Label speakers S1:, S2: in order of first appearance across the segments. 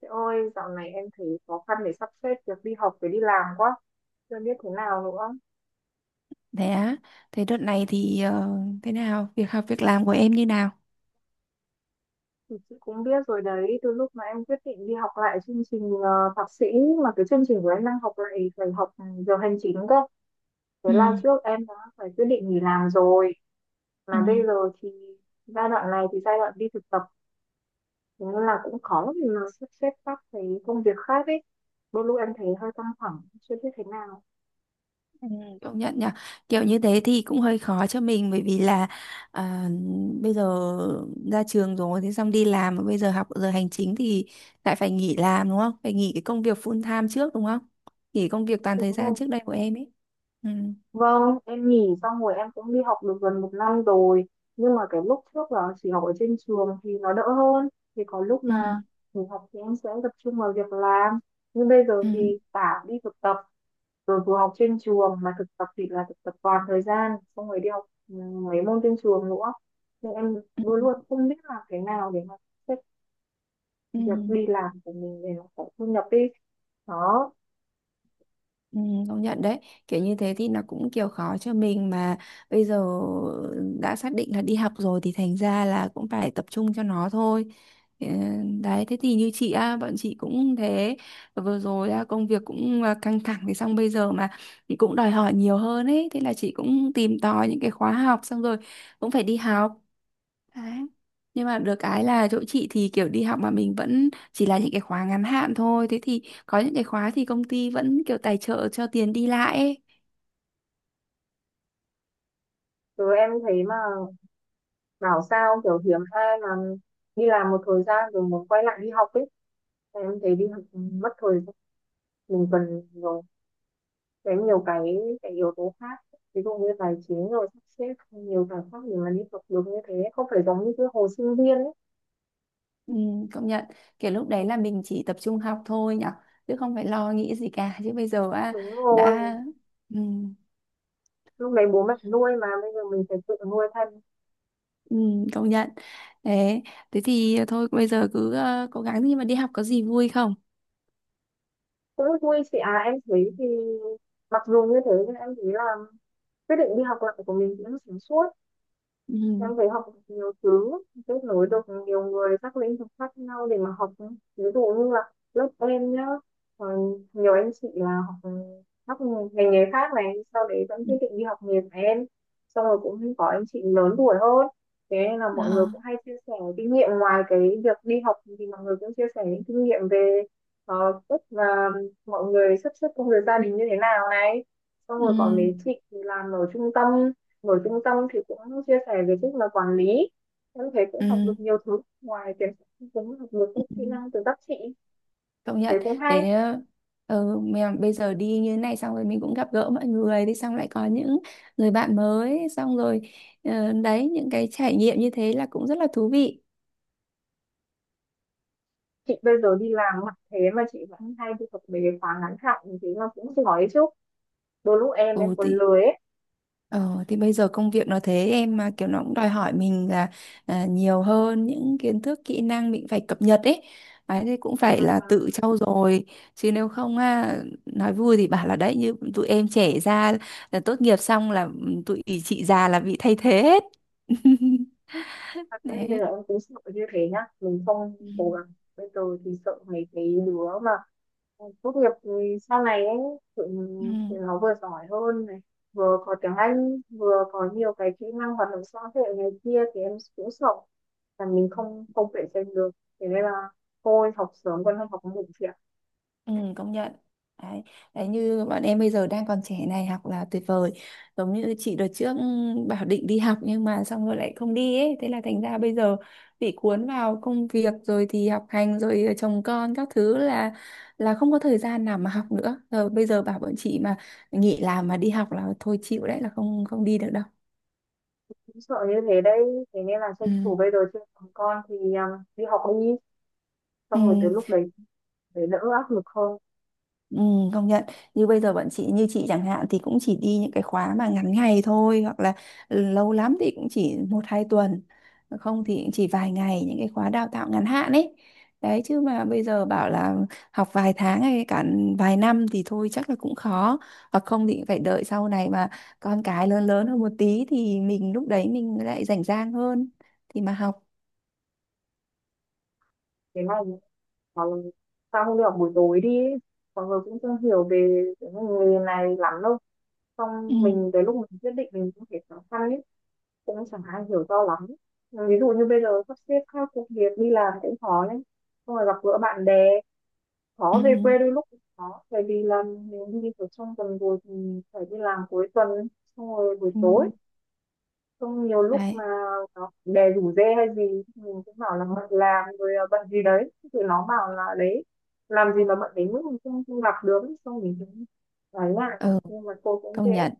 S1: Chị ơi, dạo này em thấy khó khăn để sắp xếp việc đi học với đi làm quá. Chưa biết thế nào nữa.
S2: Thế á, thế đợt này thì thế nào? Việc học việc làm của em như nào?
S1: Thì chị cũng biết rồi đấy, từ lúc mà em quyết định đi học lại chương trình thạc sĩ, mà cái chương trình của em đang học lại phải học giờ hành chính cơ. Thế
S2: Ừ,
S1: là trước em đã phải quyết định nghỉ làm rồi.
S2: ừ,
S1: Mà bây giờ thì giai đoạn này thì giai đoạn đi thực tập, thế nên là cũng khó để mà sắp xếp các cái công việc khác ấy. Đôi lúc em thấy hơi căng thẳng, chưa biết thế nào.
S2: ừ, công nhận nhở. Kiểu như thế thì cũng hơi khó cho mình bởi vì là à, bây giờ ra trường rồi thế xong đi làm mà bây giờ học giờ hành chính thì lại phải nghỉ làm đúng không? Phải nghỉ cái công việc full time trước đúng không? Nghỉ công việc toàn
S1: Đúng
S2: thời gian
S1: rồi.
S2: trước đây của em ấy. Ừ,
S1: Vâng, em nghỉ xong rồi em cũng đi học được gần một năm rồi. Nhưng mà cái lúc trước là chỉ học ở trên trường thì nó đỡ hơn. Thì có lúc
S2: ừ,
S1: mà nghỉ học thì em sẽ tập trung vào việc làm. Nhưng bây giờ
S2: ừ,
S1: thì cả đi thực tập, rồi vừa học trên trường mà thực tập thì là thực tập toàn thời gian, xong rồi đi học mấy môn trên trường nữa. Nên em
S2: ừ,
S1: luôn luôn không biết làm cái nào để mà xếp
S2: ừ.
S1: việc đi làm của mình để nó có thu nhập đi. Đó,
S2: Ừ, công nhận đấy, kiểu như thế thì nó cũng kiểu khó cho mình, mà bây giờ đã xác định là đi học rồi thì thành ra là cũng phải tập trung cho nó thôi. Ừ, đấy thế thì như chị á, bọn chị cũng thế, vừa rồi á, công việc cũng căng thẳng, thì xong bây giờ mà cũng đòi hỏi nhiều hơn ấy, thế là chị cũng tìm tòi những cái khóa học, xong rồi cũng phải đi học. Đấy. Nhưng mà được cái là chỗ chị thì kiểu đi học mà mình vẫn chỉ là những cái khóa ngắn hạn thôi. Thế thì có những cái khóa thì công ty vẫn kiểu tài trợ cho tiền đi lại ấy.
S1: rồi em thấy mà bảo sao kiểu hiếm ai mà đi làm một thời gian rồi muốn quay lại đi học ấy, em thấy đi học mất thời gian. Mình cần nhiều cái yếu tố khác, ví dụ như tài chính rồi sắp xếp nhiều giải pháp để mà đi học được như thế, không phải giống như cái hồi sinh viên ấy.
S2: Ừ, công nhận. Kiểu lúc đấy là mình chỉ tập trung học thôi nhở. Chứ không phải lo nghĩ gì cả. Chứ bây giờ
S1: Đúng rồi,
S2: đã... Ừ,
S1: lúc đấy bố mẹ nuôi mà bây giờ mình phải tự nuôi thân.
S2: ừ, công nhận. Thế, thế thì thôi bây giờ cứ cố gắng, nhưng mà đi học có gì vui không?
S1: Cũng vui chị à, em thấy thì mặc dù như thế nhưng em thấy là quyết định đi học lại của mình cũng sáng suốt.
S2: Ừ.
S1: Em phải học nhiều thứ, kết nối được nhiều người các lĩnh vực khác nhau để mà học. Ví dụ như là lớp em nhá, ờ, nhiều anh chị là học các ngành nghề khác này, sau đấy vẫn
S2: Ừ.
S1: quyết định đi học nghề của em. Xong rồi cũng có anh chị lớn tuổi hơn, thế nên là mọi người
S2: Ờ.
S1: cũng hay chia sẻ kinh nghiệm ngoài cái việc đi học, thì mọi người cũng chia sẻ những kinh nghiệm về cách là mọi người sắp xếp công việc gia đình như thế nào này. Xong
S2: Ừ.
S1: rồi còn mấy chị thì làm ở trung tâm thì cũng chia sẻ về cách mà quản lý. Em thấy cũng
S2: Ừ.
S1: học được nhiều thứ ngoài tiền, cũng học được
S2: Ừ,
S1: các kỹ năng từ các chị,
S2: công
S1: thế
S2: nhận,
S1: cũng hay.
S2: thế nhá. Mà bây giờ đi như thế này, xong rồi mình cũng gặp gỡ mọi người, đi xong lại có những người bạn mới, xong rồi đấy, những cái trải nghiệm như thế là cũng rất là thú vị.
S1: Chị bây giờ đi làm mặc thế mà chị vẫn hay đi học về khóa ngắn hạn, thế là cũng giỏi chứ, đôi lúc em
S2: ừ
S1: còn
S2: thì
S1: lười ấy.
S2: ờ, thì bây giờ công việc nó thế, em mà kiểu nó cũng đòi hỏi mình là nhiều hơn, những kiến thức kỹ năng mình phải cập nhật ấy. Đấy, thì cũng phải là
S1: Mà
S2: tự trau dồi, chứ nếu không nói vui thì bảo là đấy, như tụi em trẻ ra là tốt nghiệp xong là tụi chị già là bị thay thế hết.
S1: thật đấy, bây
S2: Đấy.
S1: giờ em cũng sợ như thế nhá, mình không
S2: Ừ.
S1: cố gắng bây giờ thì sợ mấy cái đứa mà, ừ, tốt nghiệp thì sau này ấy, tự,
S2: Ừ.
S1: tự nó vừa giỏi hơn này, vừa có tiếng Anh, vừa có nhiều cái kỹ năng hoạt động xã hội này kia, thì em cũng sợ là mình không không cạnh tranh được. Thế nên là thôi học sớm còn hơn học muộn chị ạ.
S2: Ừ, công nhận đấy. Đấy như bọn em bây giờ đang còn trẻ này, học là tuyệt vời. Giống như chị đợt trước bảo định đi học, nhưng mà xong rồi lại không đi ấy, thế là thành ra bây giờ bị cuốn vào công việc rồi thì học hành rồi chồng con các thứ, là không có thời gian nào mà học nữa. Rồi bây giờ bảo bọn chị mà nghỉ làm mà đi học là thôi, chịu đấy, là không không đi được đâu.
S1: Cũng sợ như thế đấy, thế nên là tranh
S2: Ừ.
S1: thủ bây giờ chưa còn con thì đi học đi, xong
S2: Ừ.
S1: rồi tới lúc đấy để đỡ áp lực hơn.
S2: Ừ, công nhận. Như bây giờ bọn chị, như chị chẳng hạn, thì cũng chỉ đi những cái khóa mà ngắn ngày thôi, hoặc là lâu lắm thì cũng chỉ một hai tuần, không thì cũng chỉ vài ngày, những cái khóa đào tạo ngắn hạn ấy. Đấy, chứ mà bây giờ bảo là học vài tháng hay cả vài năm thì thôi chắc là cũng khó, hoặc không thì phải đợi sau này mà con cái lớn lớn hơn một tí, thì mình lúc đấy mình lại rảnh rang hơn thì mà học.
S1: Thế này, mà sao không đi học buổi tối đi ấy? Mọi người cũng không hiểu về cái nghề này lắm đâu,
S2: Ừ,
S1: xong mình tới lúc mình quyết định mình cũng thấy khó khăn ấy, cũng chẳng ai hiểu do lắm. Ví dụ như bây giờ sắp xếp các công việc đi làm cũng khó đấy, xong rồi gặp gỡ bạn bè,
S2: ừ,
S1: khó,
S2: ừ.
S1: về quê đôi lúc cũng khó bởi vì là nếu như ở trong tuần rồi thì phải đi làm cuối tuần, xong rồi buổi
S2: Ừ.
S1: tối, xong nhiều lúc mà
S2: Đấy.
S1: nó bè rủ rê hay gì, mình cũng bảo là bận làm rồi, bận gì đấy, thì nó bảo là đấy, làm gì mà bận đến mức mình không không gặp được, xong mình cũng nói lại
S2: Ừ,
S1: nhưng mà cô cũng
S2: công
S1: kệ.
S2: nhận.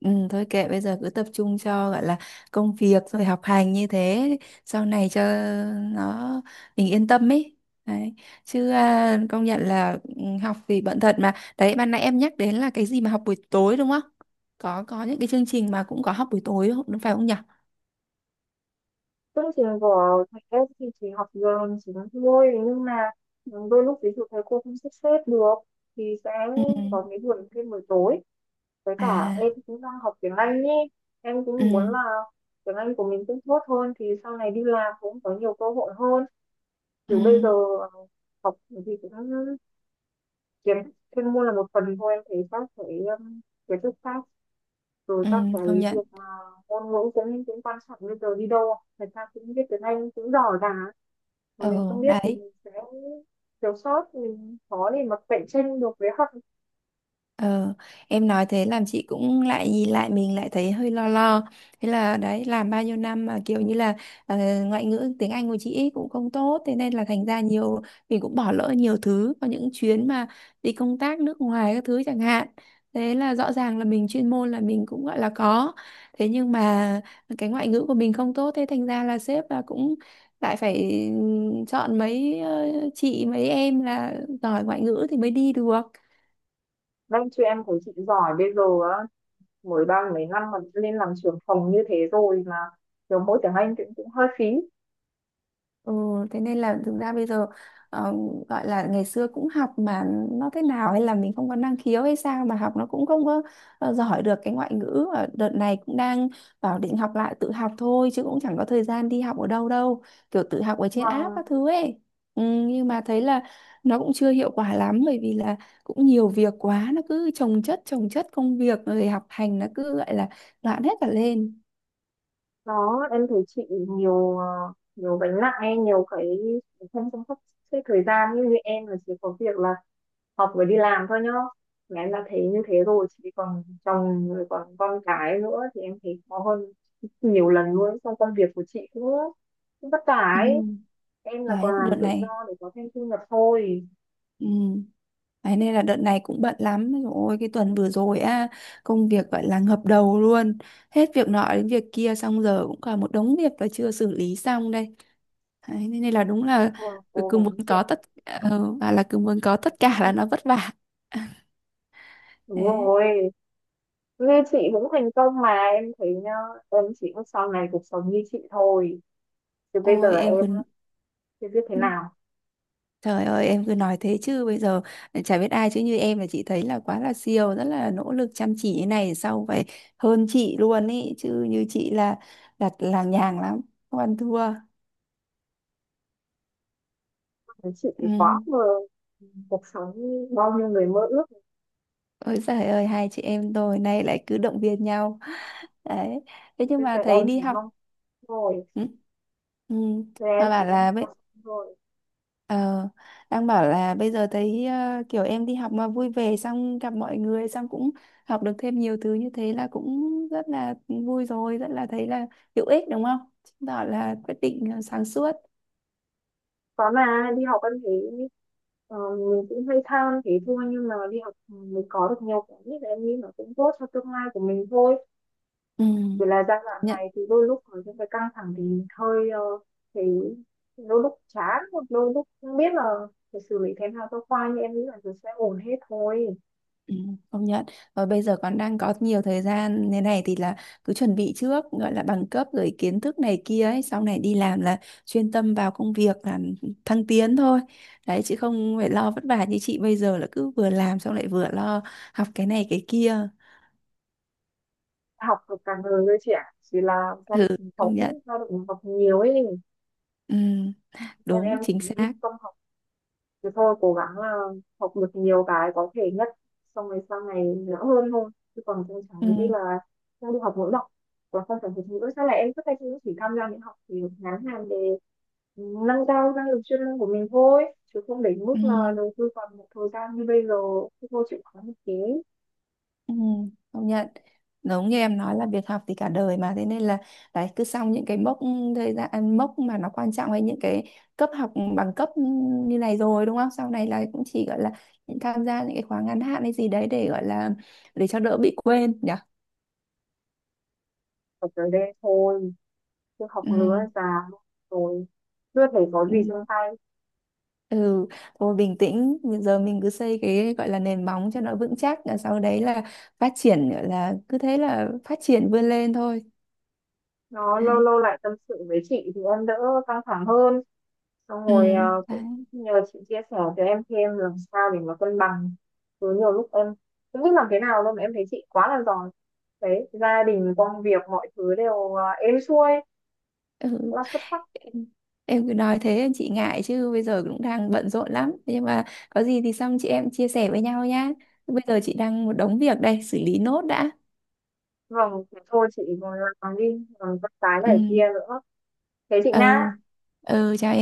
S2: Thôi kệ, bây giờ cứ tập trung cho gọi là công việc rồi học hành như thế, sau này cho nó mình yên tâm ấy. Đấy, chứ công nhận là học thì bận thật, mà đấy ban nãy em nhắc đến là cái gì mà học buổi tối đúng không, có những cái chương trình mà cũng có học buổi tối đúng phải không nhỉ.
S1: Chương trình của thầy em thì chỉ học giờ, chỉ nói thôi, nhưng mà ừ, đôi lúc ví dụ thầy cô không sắp xếp được thì sẽ
S2: Ừ.
S1: có cái buổi thêm buổi tối. Với cả
S2: À.
S1: em cũng đang học tiếng Anh nhé, em
S2: Ừ.
S1: cũng muốn là tiếng Anh của mình cũng tốt hơn thì sau này đi làm cũng có nhiều cơ hội hơn.
S2: Ừ.
S1: Kiểu bây giờ ờ, học thì cũng kiếm, chuyên môn là một phần thôi, em thấy các cái kiến thức khác rồi
S2: Ừ,
S1: các cái
S2: công nhận.
S1: việc mà ngôn ngữ cũng cũng quan trọng, bây giờ đi đâu người ta cũng biết tiếng Anh cũng giỏi cả, mà
S2: Ừ,
S1: mình không biết thì
S2: đấy.
S1: mình sẽ thiếu sót, mình khó để mà cạnh tranh được với học.
S2: Ờ, em nói thế làm chị cũng lại nhìn lại mình, lại thấy hơi lo lo. Thế là đấy, làm bao nhiêu năm mà kiểu như là ờ, ngoại ngữ tiếng Anh của chị ấy cũng không tốt, thế nên là thành ra nhiều mình cũng bỏ lỡ nhiều thứ, có những chuyến mà đi công tác nước ngoài các thứ chẳng hạn. Thế là rõ ràng là mình chuyên môn là mình cũng gọi là có. Thế nhưng mà cái ngoại ngữ của mình không tốt, thế thành ra là sếp là cũng lại phải chọn mấy chị, mấy em là giỏi ngoại ngữ thì mới đi được.
S1: Các chị em của chị giỏi bây giờ á, mới ba mấy năm mà lên làm trưởng phòng như thế rồi mà kiểu mỗi tiếng Anh cũng cũng hơi phí.
S2: Ừ, thế nên là thực ra bây giờ ờ, gọi là ngày xưa cũng học, mà nó thế nào, hay là mình không có năng khiếu hay sao mà học nó cũng không có giỏi được cái ngoại ngữ. Và đợt này cũng đang bảo định học lại, tự học thôi chứ cũng chẳng có thời gian đi học ở đâu đâu, kiểu tự học ở trên app
S1: Và
S2: các thứ ấy. ừ, nhưng mà thấy là nó cũng chưa hiệu quả lắm, bởi vì là cũng nhiều việc quá, nó cứ chồng chất công việc rồi học hành, nó cứ gọi là loạn hết cả lên.
S1: đó em thấy chị nhiều, nhiều gánh nặng ấy, nhiều cái không chăm sóc cái thời gian, như em là chỉ có việc là học với đi làm thôi nhá, mà em đã thấy như thế rồi, chỉ còn chồng rồi còn con cái nữa thì em thấy khó hơn nhiều lần luôn. Trong công việc của chị cũng cũng vất vả
S2: Ừ,
S1: ấy, em là
S2: đấy
S1: còn làm
S2: đợt
S1: tự do
S2: này.
S1: để có thêm thu nhập thôi.
S2: Ừ. Đấy, nên là đợt này cũng bận lắm. Ôi, cái tuần vừa rồi á, công việc gọi là ngập đầu luôn. Hết việc nọ đến việc kia. Xong giờ cũng còn một đống việc là chưa xử lý xong đây. Đấy, Nên nên là đúng là
S1: Thôi cố
S2: Cứ muốn
S1: gắng
S2: có
S1: chuyện,
S2: tất ờ, và là cứ muốn có tất cả là nó vất vả.
S1: đúng
S2: Đấy.
S1: rồi, như chị cũng thành công mà em thấy nhá, em chỉ ước sau này cuộc sống như chị thôi, chứ bây giờ
S2: Ôi em cứ
S1: em á, chưa biết thế nào.
S2: Trời ơi, em cứ nói thế chứ, bây giờ chả biết ai chứ như em là chị thấy là quá là siêu. Rất là nỗ lực chăm chỉ như này, sau phải hơn chị luôn ý. Chứ như chị là đặt làng nhàng lắm, không ăn thua.
S1: Chị
S2: Ừ.
S1: quá mơ, cuộc sống như bao nhiêu người mơ ước.
S2: Ôi giời ơi, hai chị em tôi nay lại cứ động viên nhau. Đấy, thế nhưng
S1: Bây
S2: mà
S1: giờ
S2: thấy
S1: em
S2: đi
S1: chỉ
S2: học.
S1: mong thôi.
S2: Ừ. Ừ.
S1: Rồi em
S2: Nó
S1: chỉ
S2: bảo
S1: có
S2: là
S1: 100
S2: bây
S1: thôi.
S2: ờ, đang bảo là bây giờ thấy kiểu em đi học mà vui vẻ, xong gặp mọi người, xong cũng học được thêm nhiều thứ như thế, là cũng rất là vui rồi, rất là thấy là hữu ích đúng không, chứng tỏ là quyết định sáng suốt.
S1: Có mà đi học em thấy ờ, mình cũng hay tham thế thôi, nhưng mà đi học mình có được nhiều cái nhất, em nghĩ nó cũng tốt cho tương lai của mình thôi. Chỉ là giai đoạn
S2: Ừ.
S1: này thì đôi lúc có những cái căng thẳng thì mình hơi thấy đôi lúc chán, hoặc đôi lúc không biết là phải xử lý thế nào cho khoai, nhưng em nghĩ là rồi sẽ ổn hết thôi.
S2: Ừ, công nhận. Và bây giờ còn đang có nhiều thời gian thế này thì là cứ chuẩn bị trước gọi là bằng cấp rồi kiến thức này kia ấy, sau này đi làm là chuyên tâm vào công việc làm, thăng tiến thôi. Đấy, chứ không phải lo vất vả như chị bây giờ là cứ vừa làm xong lại vừa lo học cái này cái kia.
S1: Học được cả người với trẻ, chỉ là gia
S2: Ừ,
S1: đình học
S2: công
S1: ít,
S2: nhận.
S1: gia đình học nhiều ấy.
S2: Ừ,
S1: Em
S2: đúng
S1: em thì
S2: chính
S1: những
S2: xác.
S1: công thì thôi cố gắng là học được nhiều cái có thể nhất, xong rồi sau này dễ hơn thôi, chứ còn tôi chẳng
S2: Ừ,
S1: nghĩ là không đi học ngữ đâu. Và không phải học ngữ sao lại em cứ tay cũng chỉ tham gia những học thì ngắn hạn để nâng cao năng lực chuyên môn của mình thôi, chứ không đến
S2: ừ.
S1: mức là đầu tư vào một thời gian như bây giờ thì cô chịu khó một tí.
S2: Ừ, công nhận, giống như em nói là việc học thì cả đời, mà thế nên là đấy cứ xong những cái mốc thời gian, mốc mà nó quan trọng hay những cái cấp học bằng cấp như này rồi đúng không, sau này là cũng chỉ gọi là những tham gia những cái khóa ngắn hạn hay gì đấy để gọi là để cho đỡ bị quên nhỉ.
S1: Ở tới đây thôi, chứ học nữa
S2: Ừ,
S1: già rồi chưa thấy có gì
S2: ừ,
S1: trong tay.
S2: ừ. Thôi bình tĩnh, bây giờ mình cứ xây cái gọi là nền móng cho nó vững chắc, rồi sau đấy là phát triển, gọi là cứ thế là phát triển vươn lên thôi.
S1: Nó lâu
S2: Đấy.
S1: lâu lại tâm sự với chị thì em đỡ căng thẳng hơn, xong
S2: Ừ,
S1: rồi
S2: đấy.
S1: cũng nhờ chị chia sẻ cho em thêm làm sao để mà cân bằng. Cứ nhiều lúc em không biết làm thế nào đâu, mà em thấy chị quá là giỏi đấy, gia đình công việc mọi thứ đều êm xuôi,
S2: Ừ.
S1: rất là xuất sắc.
S2: Em cứ nói thế chị ngại, chứ bây giờ cũng đang bận rộn lắm. Thế nhưng mà có gì thì xong chị em chia sẻ với nhau nhá. Bây giờ chị đang một đống việc đây, xử lý nốt đã.
S1: Vâng, thế thôi chị còn làm đi, còn con cái
S2: Ừ,
S1: này kia nữa, thế chị
S2: ừ,
S1: Nga.
S2: ừ, chào.